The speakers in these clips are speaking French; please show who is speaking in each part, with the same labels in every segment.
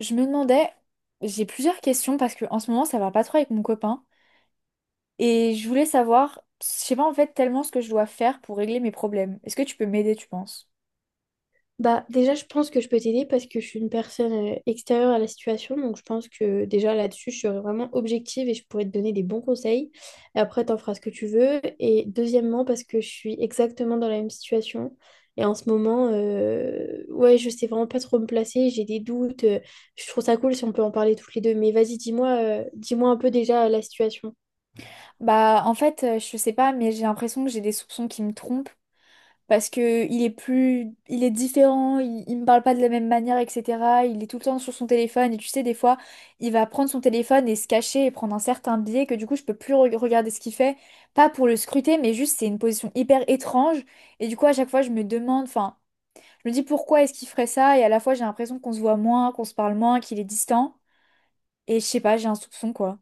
Speaker 1: Je me demandais, j'ai plusieurs questions parce que en ce moment ça va pas trop avec mon copain et je voulais savoir, je sais pas en fait tellement ce que je dois faire pour régler mes problèmes. Est-ce que tu peux m'aider, tu penses?
Speaker 2: Bah, déjà, je pense que je peux t'aider parce que je suis une personne extérieure à la situation. Donc, je pense que déjà là-dessus, je serai vraiment objective et je pourrais te donner des bons conseils. Et après, t'en feras ce que tu veux. Et deuxièmement, parce que je suis exactement dans la même situation. Et en ce moment, ouais, je sais vraiment pas trop me placer. J'ai des doutes. Je trouve ça cool si on peut en parler toutes les deux. Mais vas-y, dis-moi, dis-moi un peu déjà la situation.
Speaker 1: Bah en fait, je sais pas, mais j'ai l'impression que j'ai des soupçons qui me trompent. Parce que il est plus, il est différent, il me parle pas de la même manière, etc. Il est tout le temps sur son téléphone et tu sais, des fois, il va prendre son téléphone et se cacher et prendre un certain biais que du coup, je peux plus regarder ce qu'il fait, pas pour le scruter, mais juste c'est une position hyper étrange et du coup, à chaque fois, je me demande, enfin, je me dis pourquoi est-ce qu'il ferait ça et à la fois, j'ai l'impression qu'on se voit moins, qu'on se parle moins, qu'il est distant et je sais pas, j'ai un soupçon quoi.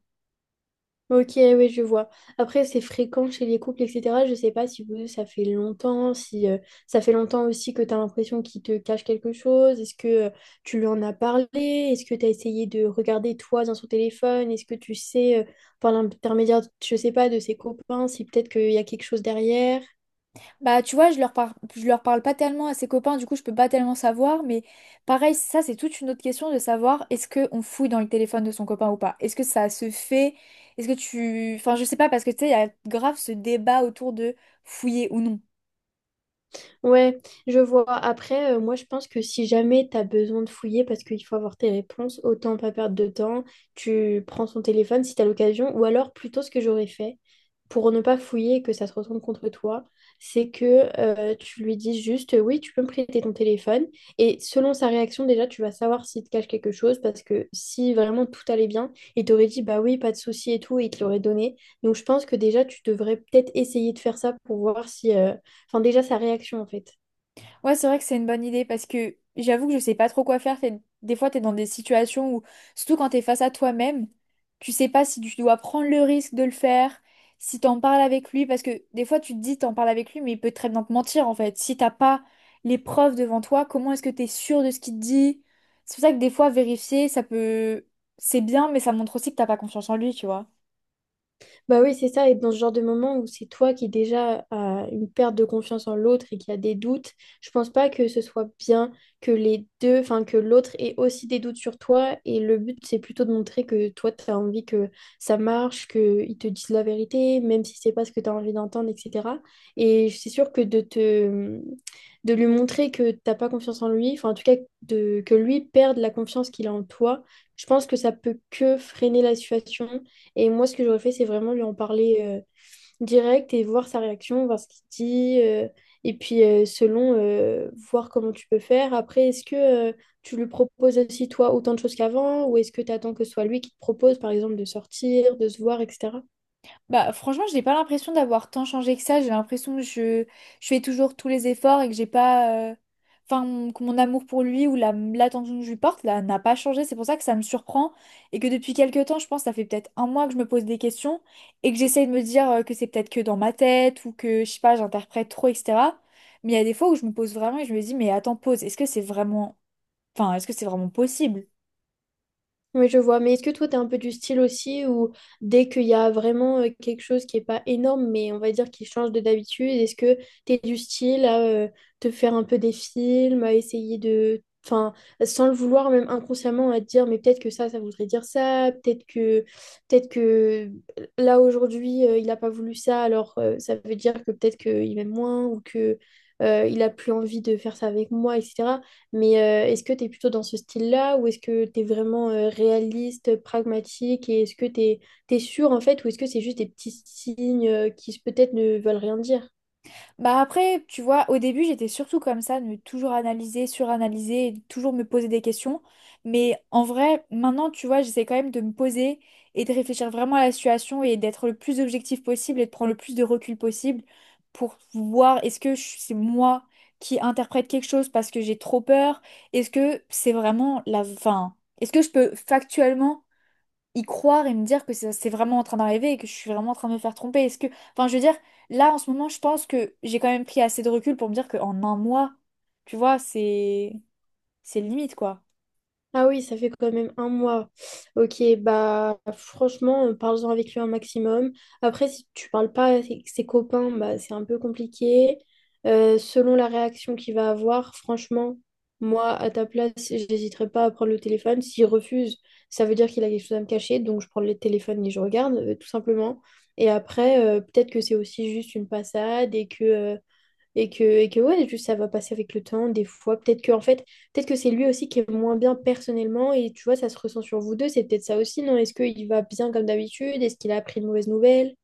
Speaker 2: Ok, oui, je vois. Après, c'est fréquent chez les couples, etc. Je sais pas si vous, ça fait longtemps, si ça fait longtemps aussi que tu as l'impression qu'il te cache quelque chose. Est-ce que tu lui en as parlé? Est-ce que tu as essayé de regarder toi dans son téléphone? Est-ce que tu sais, par l'intermédiaire, je sais pas, de ses copains, si peut-être qu'il y a quelque chose derrière?
Speaker 1: Bah, tu vois, je leur parle pas tellement à ses copains, du coup, je peux pas tellement savoir, mais pareil, ça, c'est toute une autre question de savoir est-ce qu'on fouille dans le téléphone de son copain ou pas? Est-ce que ça se fait? Est-ce que tu. Enfin, je sais pas, parce que tu sais, il y a grave ce débat autour de fouiller ou non.
Speaker 2: Ouais, je vois. Après, moi, je pense que si jamais tu as besoin de fouiller parce qu'il faut avoir tes réponses, autant pas perdre de temps. Tu prends son téléphone si tu as l'occasion. Ou alors, plutôt, ce que j'aurais fait pour ne pas fouiller et que ça se retourne contre toi, c'est que tu lui dis juste oui, tu peux me prêter ton téléphone. Et selon sa réaction, déjà, tu vas savoir s'il te cache quelque chose parce que si vraiment tout allait bien, il t'aurait dit bah oui, pas de souci et tout, et il te l'aurait donné. Donc, je pense que déjà, tu devrais peut-être essayer de faire ça pour voir si. Enfin, déjà, sa réaction, en fait.
Speaker 1: Ouais, c'est vrai que c'est une bonne idée parce que j'avoue que je sais pas trop quoi faire. Des fois, t'es dans des situations où, surtout quand t'es face à toi-même, tu sais pas si tu dois prendre le risque de le faire, si t'en parles avec lui, parce que des fois, tu te dis t'en parles avec lui, mais il peut très bien te mentir en fait. Si t'as pas les preuves devant toi, comment est-ce que t'es sûr de ce qu'il te dit? C'est pour ça que des fois, vérifier, ça peut, c'est bien, mais ça montre aussi que t'as pas confiance en lui, tu vois.
Speaker 2: Bah oui, c'est ça. Et dans ce genre de moment où c'est toi qui déjà as une perte de confiance en l'autre et qui a des doutes, je pense pas que ce soit bien que les deux, enfin, que l'autre ait aussi des doutes sur toi. Et le but, c'est plutôt de montrer que toi, tu as envie que ça marche, qu'ils te disent la vérité, même si c'est pas ce que tu as envie d'entendre, etc. Et c'est sûr que de lui montrer que t'as pas confiance en lui, enfin en tout cas de, que lui perde la confiance qu'il a en toi, je pense que ça peut que freiner la situation. Et moi, ce que j'aurais fait, c'est vraiment lui en parler direct et voir sa réaction, voir ce qu'il dit. Et puis, selon, voir comment tu peux faire. Après, est-ce que tu lui proposes aussi, toi, autant de choses qu'avant? Ou est-ce que tu attends que ce soit lui qui te propose, par exemple, de sortir, de se voir, etc.
Speaker 1: Bah, franchement, je n'ai pas l'impression d'avoir tant changé que ça. J'ai l'impression que je fais toujours tous les efforts et que j'ai pas. Enfin, que mon amour pour lui ou la, l'attention que je lui porte là, n'a pas changé. C'est pour ça que ça me surprend et que depuis quelques temps, je pense, ça fait peut-être un mois que je me pose des questions et que j'essaye de me dire que c'est peut-être que dans ma tête ou que, je sais pas, j'interprète trop, etc. Mais il y a des fois où je me pose vraiment et je me dis, mais attends, pause, est-ce que c'est vraiment. Enfin, est-ce que c'est vraiment possible?
Speaker 2: Oui, je vois. Mais est-ce que toi, tu es un peu du style aussi où dès qu'il y a vraiment quelque chose qui n'est pas énorme, mais on va dire qui change de d'habitude, est-ce que tu es du style à te faire un peu des films, à essayer de... Enfin, sans le vouloir, même inconsciemment, à te dire, mais peut-être que ça voudrait dire ça, peut-être que là, aujourd'hui, il n'a pas voulu ça, alors ça veut dire que peut-être qu'il m'aime moins ou que il a plus envie de faire ça avec moi, etc. Mais est-ce que tu es plutôt dans ce style-là ou est-ce que tu es vraiment réaliste, pragmatique et est-ce que tu es, sûr en fait ou est-ce que c'est juste des petits signes qui peut-être ne veulent rien dire?
Speaker 1: Bah après, tu vois, au début, j'étais surtout comme ça, de me toujours analyser, suranalyser, et de toujours me poser des questions. Mais en vrai, maintenant, tu vois, j'essaie quand même de me poser et de réfléchir vraiment à la situation et d'être le plus objectif possible et de prendre le plus de recul possible pour voir est-ce que c'est moi qui interprète quelque chose parce que j'ai trop peur? Est-ce que c'est vraiment la… Enfin, est-ce que je peux factuellement y croire et me dire que c'est vraiment en train d'arriver et que je suis vraiment en train de me faire tromper. Est-ce que, enfin, je veux dire, là en ce moment, je pense que j'ai quand même pris assez de recul pour me dire qu'en un mois, tu vois, c'est limite quoi.
Speaker 2: Ah oui, ça fait quand même 1 mois. Ok, bah franchement, parle-en avec lui un maximum. Après, si tu parles pas avec ses copains, bah c'est un peu compliqué. Selon la réaction qu'il va avoir, franchement, moi, à ta place, j'hésiterai pas à prendre le téléphone. S'il refuse, ça veut dire qu'il a quelque chose à me cacher, donc je prends le téléphone et je regarde, tout simplement. Et après, peut-être que c'est aussi juste une passade et que ouais, juste ça va passer avec le temps, des fois. Peut-être que, en fait, peut-être que c'est lui aussi qui est moins bien personnellement et tu vois, ça se ressent sur vous deux. C'est peut-être ça aussi, non? Est-ce qu'il va bien comme d'habitude? Est-ce qu'il a appris une mauvaise nouvelle?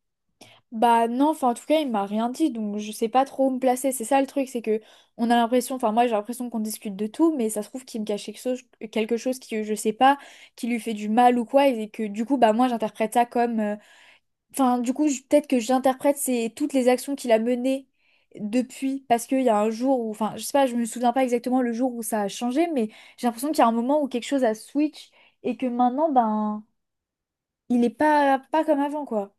Speaker 1: Bah non, enfin en tout cas, il m'a rien dit, donc je sais pas trop où me placer. C'est ça le truc, c'est que on a l'impression, enfin moi j'ai l'impression qu'on discute de tout, mais ça se trouve qu'il me cache quelque chose qui je sais pas, qui lui fait du mal ou quoi, et que du coup bah moi j'interprète ça comme Enfin, du coup, peut-être que j'interprète c'est toutes les actions qu'il a menées depuis, parce qu'il y a un jour où, enfin, je sais pas, je me souviens pas exactement le jour où ça a changé, mais j'ai l'impression qu'il y a un moment où quelque chose a switch et que maintenant, ben, il est pas comme avant, quoi.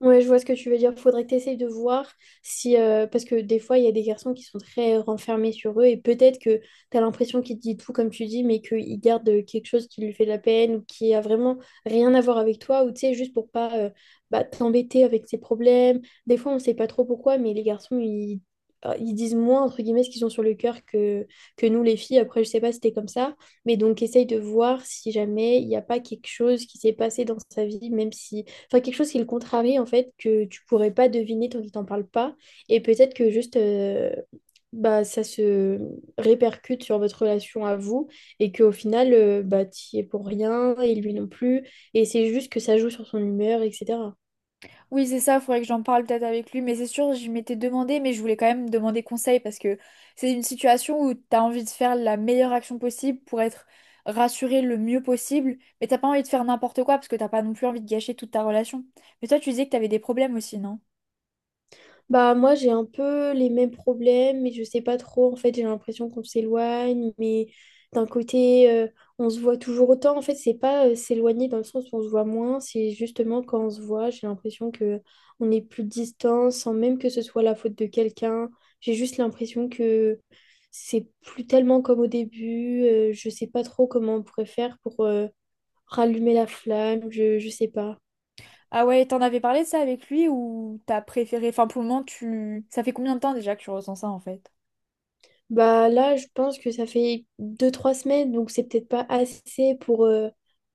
Speaker 2: Ouais, je vois ce que tu veux dire. Faudrait que tu essayes de voir si. Parce que des fois, il y a des garçons qui sont très renfermés sur eux et peut-être que tu as l'impression qu'il te dit tout comme tu dis, mais qu'il garde quelque chose qui lui fait de la peine ou qui a vraiment rien à voir avec toi ou tu sais, juste pour pas bah, t'embêter avec ses problèmes. Des fois, on sait pas trop pourquoi, mais les garçons, ils disent moins, entre guillemets, ce qu'ils ont sur le cœur que nous, les filles. Après, je sais pas si t'es comme ça, mais donc essaye de voir si jamais il n'y a pas quelque chose qui s'est passé dans sa vie, même si. Enfin, quelque chose qui le contrarie, en fait, que tu pourrais pas deviner tant qu'il t'en parle pas. Et peut-être que juste, bah, ça se répercute sur votre relation à vous et qu'au final, bah, t'y es pour rien et lui non plus. Et c'est juste que ça joue sur son humeur, etc.
Speaker 1: Oui, c'est ça, il faudrait que j'en parle peut-être avec lui, mais c'est sûr, je m'étais demandé, mais je voulais quand même demander conseil parce que c'est une situation où t'as envie de faire la meilleure action possible pour être rassuré le mieux possible, mais t'as pas envie de faire n'importe quoi parce que t'as pas non plus envie de gâcher toute ta relation. Mais toi, tu disais que t'avais des problèmes aussi, non?
Speaker 2: Bah moi j'ai un peu les mêmes problèmes mais je sais pas trop en fait. J'ai l'impression qu'on s'éloigne mais d'un côté on se voit toujours autant en fait. C'est pas s'éloigner dans le sens où on se voit moins. C'est justement quand on se voit j'ai l'impression que on est plus distant sans même que ce soit la faute de quelqu'un. J'ai juste l'impression que c'est plus tellement comme au début. Je sais pas trop comment on pourrait faire pour rallumer la flamme. Je sais pas.
Speaker 1: Ah ouais, t'en avais parlé de ça avec lui ou t'as préféré, enfin pour le moment, tu… Ça fait combien de temps déjà que tu ressens ça en fait?
Speaker 2: Bah là, je pense que ça fait 2 3 semaines, donc c'est peut-être pas assez pour...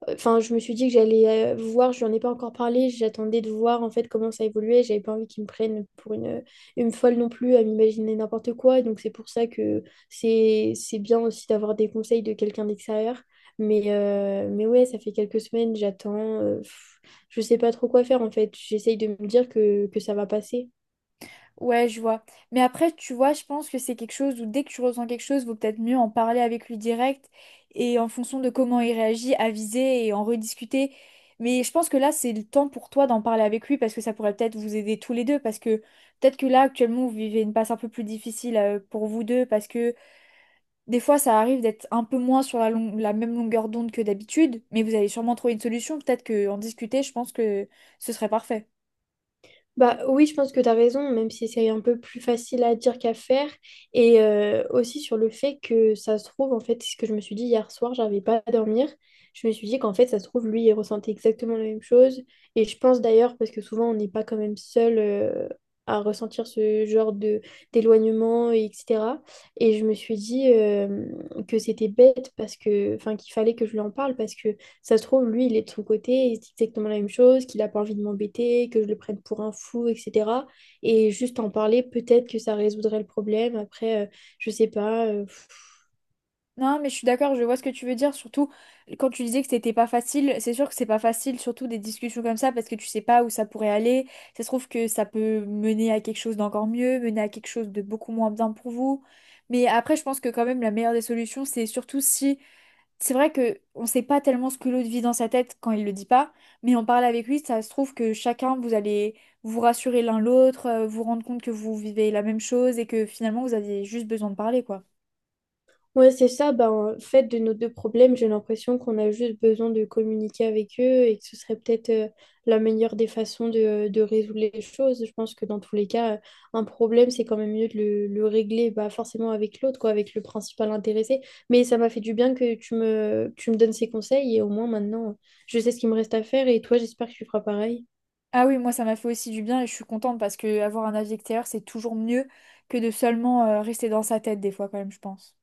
Speaker 2: Enfin, je me suis dit que j'allais voir. Je n'en ai pas encore parlé, j'attendais de voir en fait comment ça évoluait. J'avais pas envie qu'ils me prennent pour une folle non plus à m'imaginer n'importe quoi, donc c'est pour ça que c'est bien aussi d'avoir des conseils de quelqu'un d'extérieur. Mais ouais, ça fait quelques semaines, j'attends, euh, pff, je sais pas trop quoi faire en fait, j'essaye de me dire que ça va passer.
Speaker 1: Ouais, je vois. Mais après, tu vois, je pense que c'est quelque chose où dès que tu ressens quelque chose, vaut peut-être mieux en parler avec lui direct et en fonction de comment il réagit, aviser et en rediscuter. Mais je pense que là, c'est le temps pour toi d'en parler avec lui parce que ça pourrait peut-être vous aider tous les deux. Parce que peut-être que là, actuellement, vous vivez une passe un peu plus difficile pour vous deux parce que des fois, ça arrive d'être un peu moins sur la, la même longueur d'onde que d'habitude. Mais vous allez sûrement trouver une solution. Peut-être qu'en discuter, je pense que ce serait parfait.
Speaker 2: Bah oui, je pense que tu as raison, même si c'est un peu plus facile à dire qu'à faire. Et aussi sur le fait que ça se trouve, en fait, c'est ce que je me suis dit hier soir, j'arrivais pas à dormir. Je me suis dit qu'en fait, ça se trouve, lui, il ressentait exactement la même chose. Et je pense d'ailleurs, parce que souvent, on n'est pas quand même seul à ressentir ce genre de d'éloignement, et etc. Et je me suis dit que c'était bête parce que, enfin, qu'il fallait que je lui en parle parce que ça se trouve, lui, il est de son côté, il se dit exactement la même chose, qu'il n'a pas envie de m'embêter, que je le prenne pour un fou, etc. Et juste en parler, peut-être que ça résoudrait le problème. Après, je sais pas,
Speaker 1: Non, mais je suis d'accord, je vois ce que tu veux dire. Surtout quand tu disais que c'était pas facile, c'est sûr que c'est pas facile, surtout des discussions comme ça, parce que tu sais pas où ça pourrait aller. Ça se trouve que ça peut mener à quelque chose d'encore mieux, mener à quelque chose de beaucoup moins bien pour vous. Mais après, je pense que quand même la meilleure des solutions, c'est surtout si. C'est vrai que on sait pas tellement ce que l'autre vit dans sa tête quand il le dit pas, mais en parle avec lui, ça se trouve que chacun vous allez vous rassurer l'un l'autre, vous rendre compte que vous vivez la même chose et que finalement vous aviez juste besoin de parler, quoi.
Speaker 2: Ouais, c'est ça. Ben, en fait, de nos deux problèmes, j'ai l'impression qu'on a juste besoin de communiquer avec eux et que ce serait peut-être la meilleure des façons de résoudre les choses. Je pense que dans tous les cas, un problème, c'est quand même mieux de le régler bah, forcément avec l'autre, quoi, avec le principal intéressé. Mais ça m'a fait du bien que tu me donnes ces conseils et au moins maintenant, je sais ce qu'il me reste à faire et toi, j'espère que tu feras pareil.
Speaker 1: Ah oui, moi ça m'a fait aussi du bien et je suis contente parce que avoir un avis extérieur, c'est toujours mieux que de seulement rester dans sa tête des fois quand même, je pense.